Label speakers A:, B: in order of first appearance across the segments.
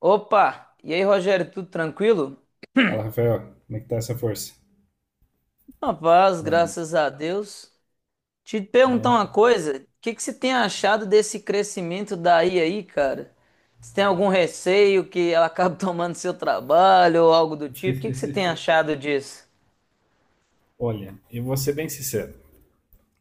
A: Opa! E aí, Rogério, tudo tranquilo?
B: Fala, Rafael, como é que tá essa força?
A: Rapaz,
B: Bom,
A: graças a Deus. Te perguntar
B: é...
A: uma coisa, o que você tem achado desse crescimento da IA aí, cara? Você tem algum receio que ela acabe tomando seu trabalho ou algo do tipo? O que você tem achado disso?
B: Olha, eu vou ser bem sincero.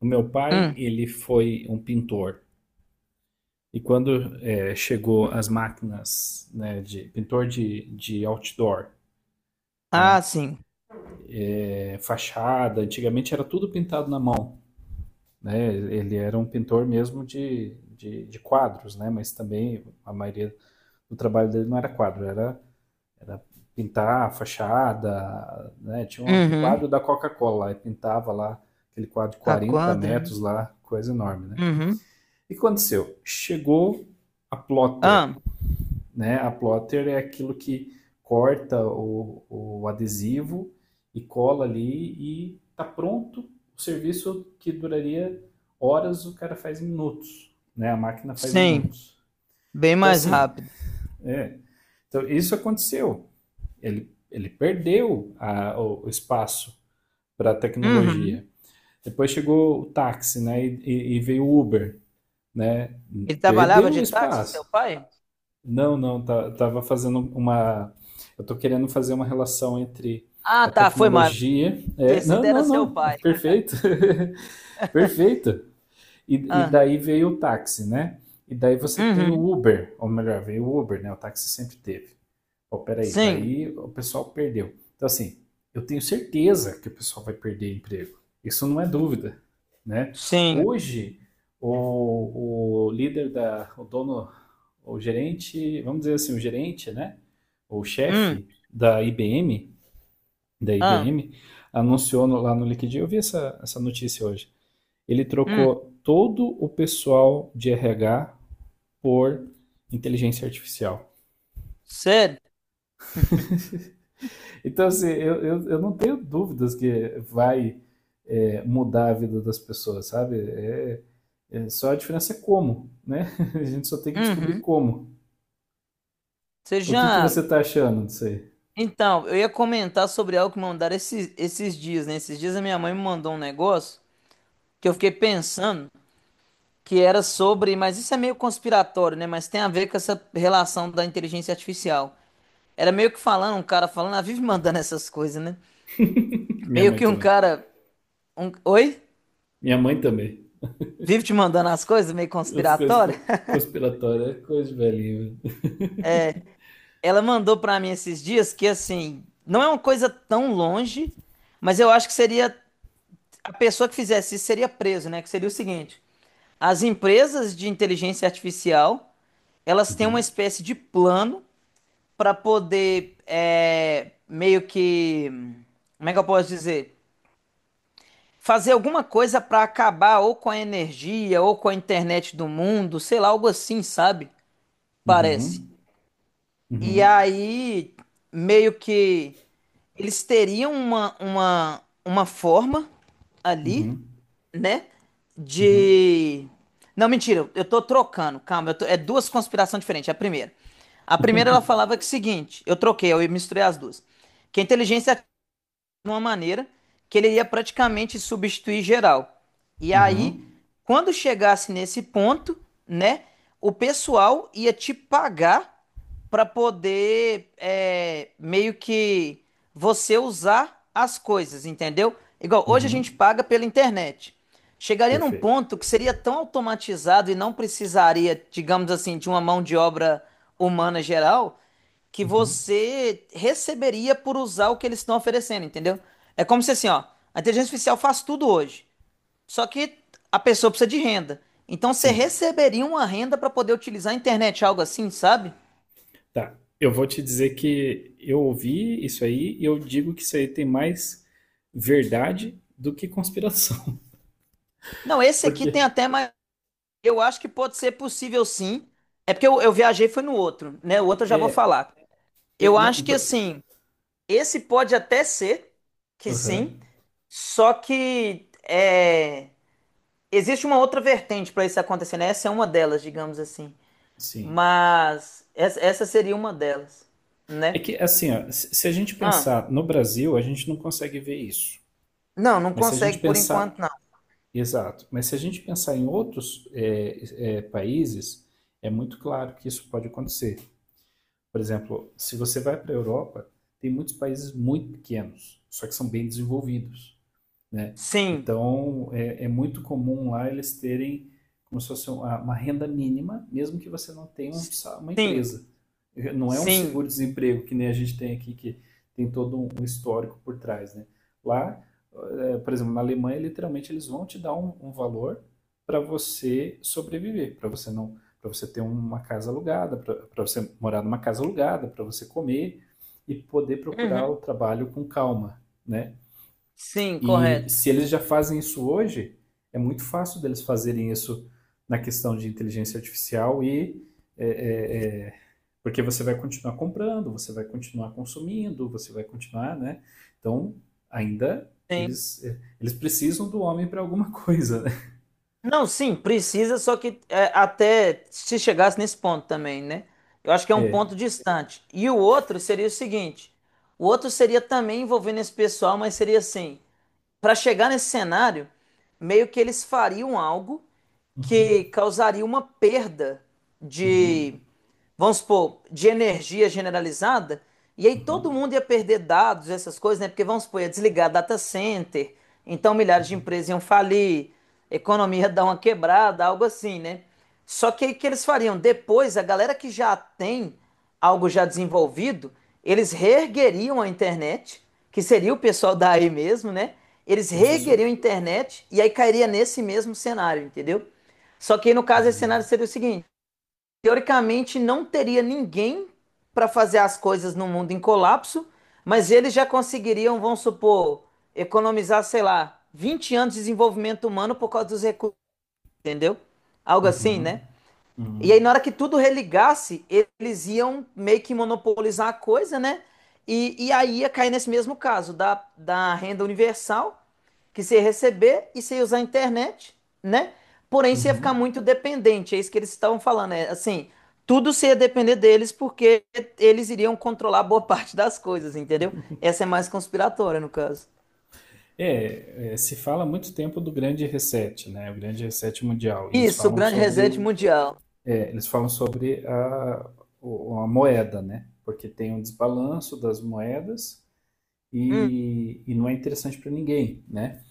B: O meu pai,
A: Hum.
B: ele foi um pintor. E quando chegou as máquinas, né, de pintor de outdoor,
A: Ah,
B: né,
A: sim.
B: fachada, antigamente era tudo pintado na mão, né? Ele era um pintor mesmo de quadros, né? Mas também a maioria do trabalho dele não era quadro, era pintar a fachada, né? Tinha um
A: Uhum.
B: quadro da Coca-Cola lá, e pintava lá aquele quadro de
A: A
B: 40
A: quadra, né?
B: metros lá, coisa enorme, né?
A: Uhum.
B: E o que aconteceu? Chegou a plotter,
A: Ah,
B: né? A plotter é aquilo que corta o adesivo e cola ali e tá pronto o serviço que duraria horas, o cara faz em minutos, né? A máquina faz em
A: sim.
B: minutos.
A: Bem
B: Então
A: mais
B: assim,
A: rápido.
B: é, então isso aconteceu. Ele perdeu a, o espaço para a
A: Uhum.
B: tecnologia. Depois chegou o táxi, né? E veio o Uber, né?
A: Ele trabalhava
B: Perdeu o
A: de táxi, seu
B: espaço.
A: pai?
B: Não, não, tá, tava fazendo uma. Eu tô querendo fazer uma relação entre
A: Ah,
B: a
A: tá, foi mal.
B: tecnologia. É,
A: Esse
B: não,
A: era
B: não,
A: seu
B: não. É
A: pai.
B: perfeito. perfeito. E
A: Ah.
B: daí veio o táxi, né? E daí você tem
A: Uhum.
B: o Uber, ou melhor, veio o Uber, né? O táxi sempre teve. Pô, peraí,
A: Sim,
B: daí o pessoal perdeu. Então, assim, eu tenho certeza que o pessoal vai perder emprego. Isso não é dúvida, né?
A: sim.
B: Hoje, o líder da, o dono, o gerente, vamos dizer assim, o gerente, né? O
A: Hum,
B: chefe da IBM, da
A: ah,
B: IBM, anunciou no- lá no LinkedIn, eu vi essa notícia hoje. Ele
A: hum,
B: trocou todo o pessoal de RH por inteligência artificial.
A: sério?
B: Então, assim, eu não tenho dúvidas que vai mudar a vida das pessoas, sabe? É só a diferença é como, né? A gente só tem que descobrir
A: Uhum.
B: como.
A: Você
B: O que que você
A: já.
B: tá achando disso aí?
A: Então, eu ia comentar sobre algo que me mandaram esses dias, né? Esses dias a minha mãe me mandou um negócio que eu fiquei pensando que era sobre. Mas isso é meio conspiratório, né? Mas tem a ver com essa relação da inteligência artificial. Era meio que falando, um cara falando, ah, vive mandando essas coisas, né?
B: Minha
A: Meio
B: mãe
A: que um
B: também.
A: cara. Oi?
B: Minha mãe também.
A: Vive te mandando as coisas, meio
B: As coisas
A: conspiratório?
B: conspiratórias é coisa de velhinho. Velho.
A: Ela mandou pra mim esses dias que, assim, não é uma coisa tão longe, mas eu acho que seria a pessoa que fizesse isso seria preso, né? Que seria o seguinte: as empresas de inteligência artificial, elas têm uma
B: Uhum.
A: espécie de plano para poder meio que, como é que eu posso dizer? Fazer alguma coisa para acabar ou com a energia ou com a internet do mundo, sei lá, algo assim, sabe? Parece.
B: Uhum,
A: E
B: uhum,
A: aí, meio que eles teriam uma forma ali,
B: uhum,
A: né? De. Não, mentira, eu tô trocando, calma, é duas conspirações diferentes. É a primeira. A primeira ela
B: uhum,
A: falava que é o seguinte, eu troquei, eu misturei as duas. Que a inteligência de uma maneira que ele ia praticamente substituir geral. E aí,
B: uhum,
A: quando chegasse nesse ponto, né, o pessoal ia te pagar para poder meio que você usar as coisas, entendeu? Igual hoje a gente
B: uhum.
A: paga pela internet. Chegaria num
B: Perfeito.
A: ponto que seria tão automatizado e não precisaria, digamos assim, de uma mão de obra humana geral, que
B: Uhum.
A: você receberia por usar o que eles estão oferecendo, entendeu? É como se assim, ó, a inteligência artificial faz tudo hoje, só que a pessoa precisa de renda. Então você
B: Sim.
A: receberia uma renda para poder utilizar a internet, algo assim, sabe?
B: Tá. Eu vou te dizer que eu ouvi isso aí e eu digo que isso aí tem mais verdade do que conspiração.
A: Não, esse aqui
B: Porque
A: tem até mais. Eu acho que pode ser possível, sim. É porque eu viajei foi no outro, né? O outro eu já vou
B: é,
A: falar. Eu
B: é,
A: acho
B: não,
A: que
B: por-
A: assim, esse pode até ser que
B: aham,
A: sim, só que é existe uma outra vertente para isso acontecer, né? Essa é uma delas, digamos assim.
B: sim.
A: Mas essa seria uma delas,
B: É
A: né?
B: que assim, ó, se a gente
A: Ah,
B: pensar no Brasil, a gente não consegue ver isso.
A: não, não
B: Mas se a gente
A: consegue por enquanto,
B: pensar,
A: não.
B: exato, mas se a gente pensar em outros países, é muito claro que isso pode acontecer. Por exemplo, se você vai para a Europa, tem muitos países muito pequenos, só que são bem desenvolvidos. Né?
A: Sim,
B: Então, é muito comum lá eles terem como se fosse uma renda mínima, mesmo que você não tenha um uma
A: sim,
B: empresa. Não é um
A: sim,
B: seguro-desemprego que nem a gente tem aqui, que tem todo um um histórico por trás, né? Lá, por exemplo, na Alemanha, literalmente eles vão te dar um valor para você sobreviver, para você não, para você ter uma casa alugada, para você morar numa casa alugada, para você comer e poder procurar o
A: uhum,
B: trabalho com calma, né?
A: sim,
B: E
A: correto.
B: se eles já fazem isso hoje, é muito fácil deles fazerem isso na questão de inteligência artificial e é, é, é, porque você vai continuar comprando, você vai continuar consumindo, você vai continuar, né? Então ainda
A: Sim.
B: eles precisam do homem para alguma coisa, né?
A: Não, sim, precisa, só que é, até se chegasse nesse ponto também, né? Eu acho que é um ponto
B: É.
A: distante. E o outro seria o seguinte: o outro seria também envolvendo esse pessoal, mas seria assim. Para chegar nesse cenário, meio que eles fariam algo
B: Uhum,
A: que causaria uma perda de,
B: uhum,
A: vamos supor, de energia generalizada, e aí todo
B: uhum,
A: mundo ia perder dados, essas coisas, né? Porque vamos supor, ia desligar data center, então milhares de
B: uhum.
A: empresas iam falir, economia ia dar uma quebrada, algo assim, né? Só que aí o que eles fariam? Depois, a galera que já tem algo já desenvolvido, eles reergueriam a internet, que seria o pessoal daí mesmo, né? Eles reergueriam
B: Processão.
A: a internet e aí cairia nesse mesmo cenário, entendeu? Só que aí, no caso, esse cenário
B: Uhum,
A: seria o seguinte: teoricamente não teria ninguém para fazer as coisas no mundo em colapso, mas eles já conseguiriam, vamos supor, economizar, sei lá, 20 anos de desenvolvimento humano por causa dos recursos, entendeu? Algo assim,
B: uhum,
A: né? E aí,
B: uhum,
A: na hora que tudo religasse, eles iam meio que monopolizar a coisa, né? E aí ia cair nesse mesmo caso da renda universal, que você ia receber e você ia usar a internet, né? Porém, você ia ficar
B: uhum.
A: muito dependente. É isso que eles estavam falando, é assim, tudo você ia depender deles porque eles iriam controlar boa parte das coisas, entendeu? Essa é mais conspiratória, no caso.
B: Se fala há muito tempo do grande reset, né? O grande reset mundial. E eles
A: Isso, o
B: falam
A: grande reset
B: sobre
A: mundial.
B: é, eles falam sobre a moeda, né? Porque tem um desbalanço das moedas
A: Hum,
B: e não é interessante para ninguém, né?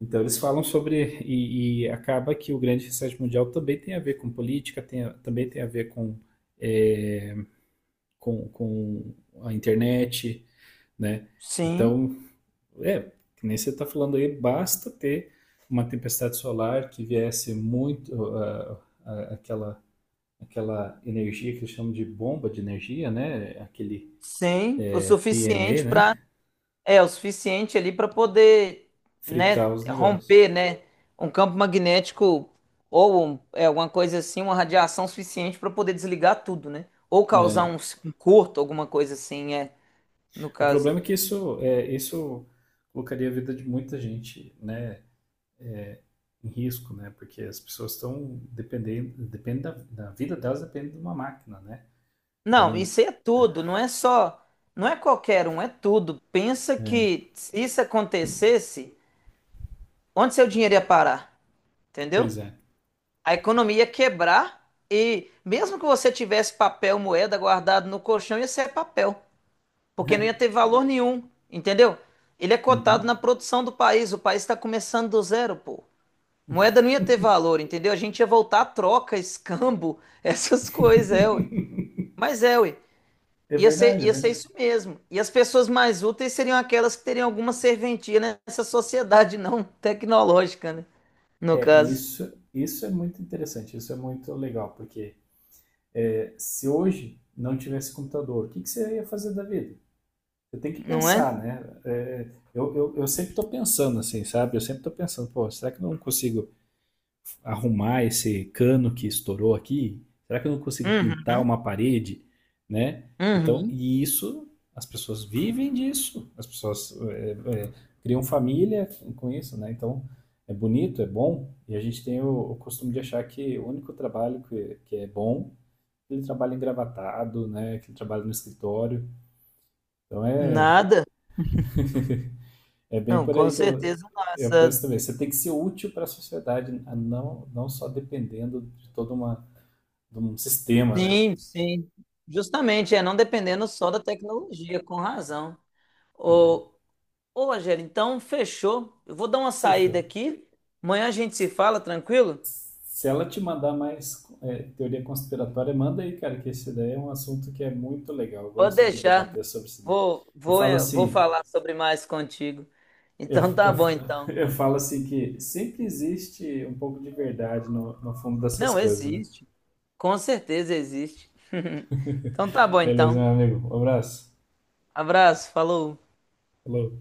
B: Então eles falam sobre e acaba que o grande reset mundial também tem a ver com política, também tem a ver com, é, com a internet, né?
A: sim,
B: Então, é, que nem você está falando aí, basta ter uma tempestade solar que viesse muito aquela aquela energia que eles chamam de bomba de energia, né?
A: sim, o
B: PME,
A: suficiente para
B: né?
A: é o suficiente ali para poder, né,
B: Fritar os negócios.
A: romper, né, um campo magnético ou alguma coisa assim, uma radiação suficiente para poder desligar tudo, né? Ou causar
B: É.
A: um, um curto, alguma coisa assim, é, no
B: O
A: caso.
B: problema é que isso colocaria a vida de muita gente, né? Em risco, né? Porque as pessoas estão dependendo, depende da, da vida delas depende de uma máquina, né?
A: Não,
B: Então,
A: isso aí é
B: é,
A: tudo, não é só, não é qualquer um, é tudo. Pensa
B: é,
A: que se isso acontecesse, onde seu dinheiro ia parar? Entendeu?
B: pois é.
A: A economia ia quebrar e mesmo que você tivesse papel, moeda guardado no colchão, ia ser papel, porque não ia
B: É,
A: ter valor nenhum, entendeu? Ele é cotado
B: uhum.
A: na produção do país, o país está começando do zero, pô. Moeda não ia ter valor, entendeu? A gente ia voltar à troca, escambo, essas coisas, é, ué. Mas é, ué.
B: É verdade, é
A: Ia ser
B: verdade.
A: isso mesmo. E as pessoas mais úteis seriam aquelas que teriam alguma serventia nessa sociedade não tecnológica, né? No caso,
B: Isso, isso é muito interessante, isso é muito legal, porque é, se hoje não tivesse computador, o que, que você ia fazer da vida? Você tem que
A: não é?
B: pensar, né? Eu sempre estou pensando assim, sabe? Eu sempre estou pensando, pô, será que eu não consigo arrumar esse cano que estourou aqui? Será que eu não consigo pintar
A: Uhum,
B: uma parede, né? Então,
A: uhum.
B: e isso, as pessoas vivem disso, as pessoas criam família com isso, né? Então, é bonito, é bom, e a gente tem o costume de achar que o único trabalho que é bom ele trabalha engravatado, né? Que ele trabalha no escritório. Então é,
A: Nada.
B: é bem
A: Não,
B: por
A: com
B: aí que eu,
A: certeza não.
B: eu
A: Essa
B: penso também. Você tem que ser útil para a sociedade, não, não só dependendo de todo uma, de um sistema, né?
A: sim, sim. Justamente, é não dependendo só da tecnologia, com razão. Ô, ô, Angela, então fechou. Eu vou dar uma
B: Fechou.
A: saída aqui. Amanhã a gente se fala, tranquilo?
B: Se ela te mandar mais teoria conspiratória, manda aí, cara, que esse daí é um assunto que é muito legal. Eu
A: Pode
B: gosto de
A: deixar.
B: debater sobre isso daí. Eu falo
A: Vou
B: assim,
A: falar sobre mais contigo.
B: eu,
A: Então tá
B: eu,
A: bom, então.
B: eu falo assim que sempre existe um pouco de verdade no fundo dessas
A: Não,
B: coisas, né?
A: existe. Com certeza existe. Então tá bom,
B: Beleza,
A: então.
B: meu amigo. Um abraço.
A: Abraço, falou.
B: Hello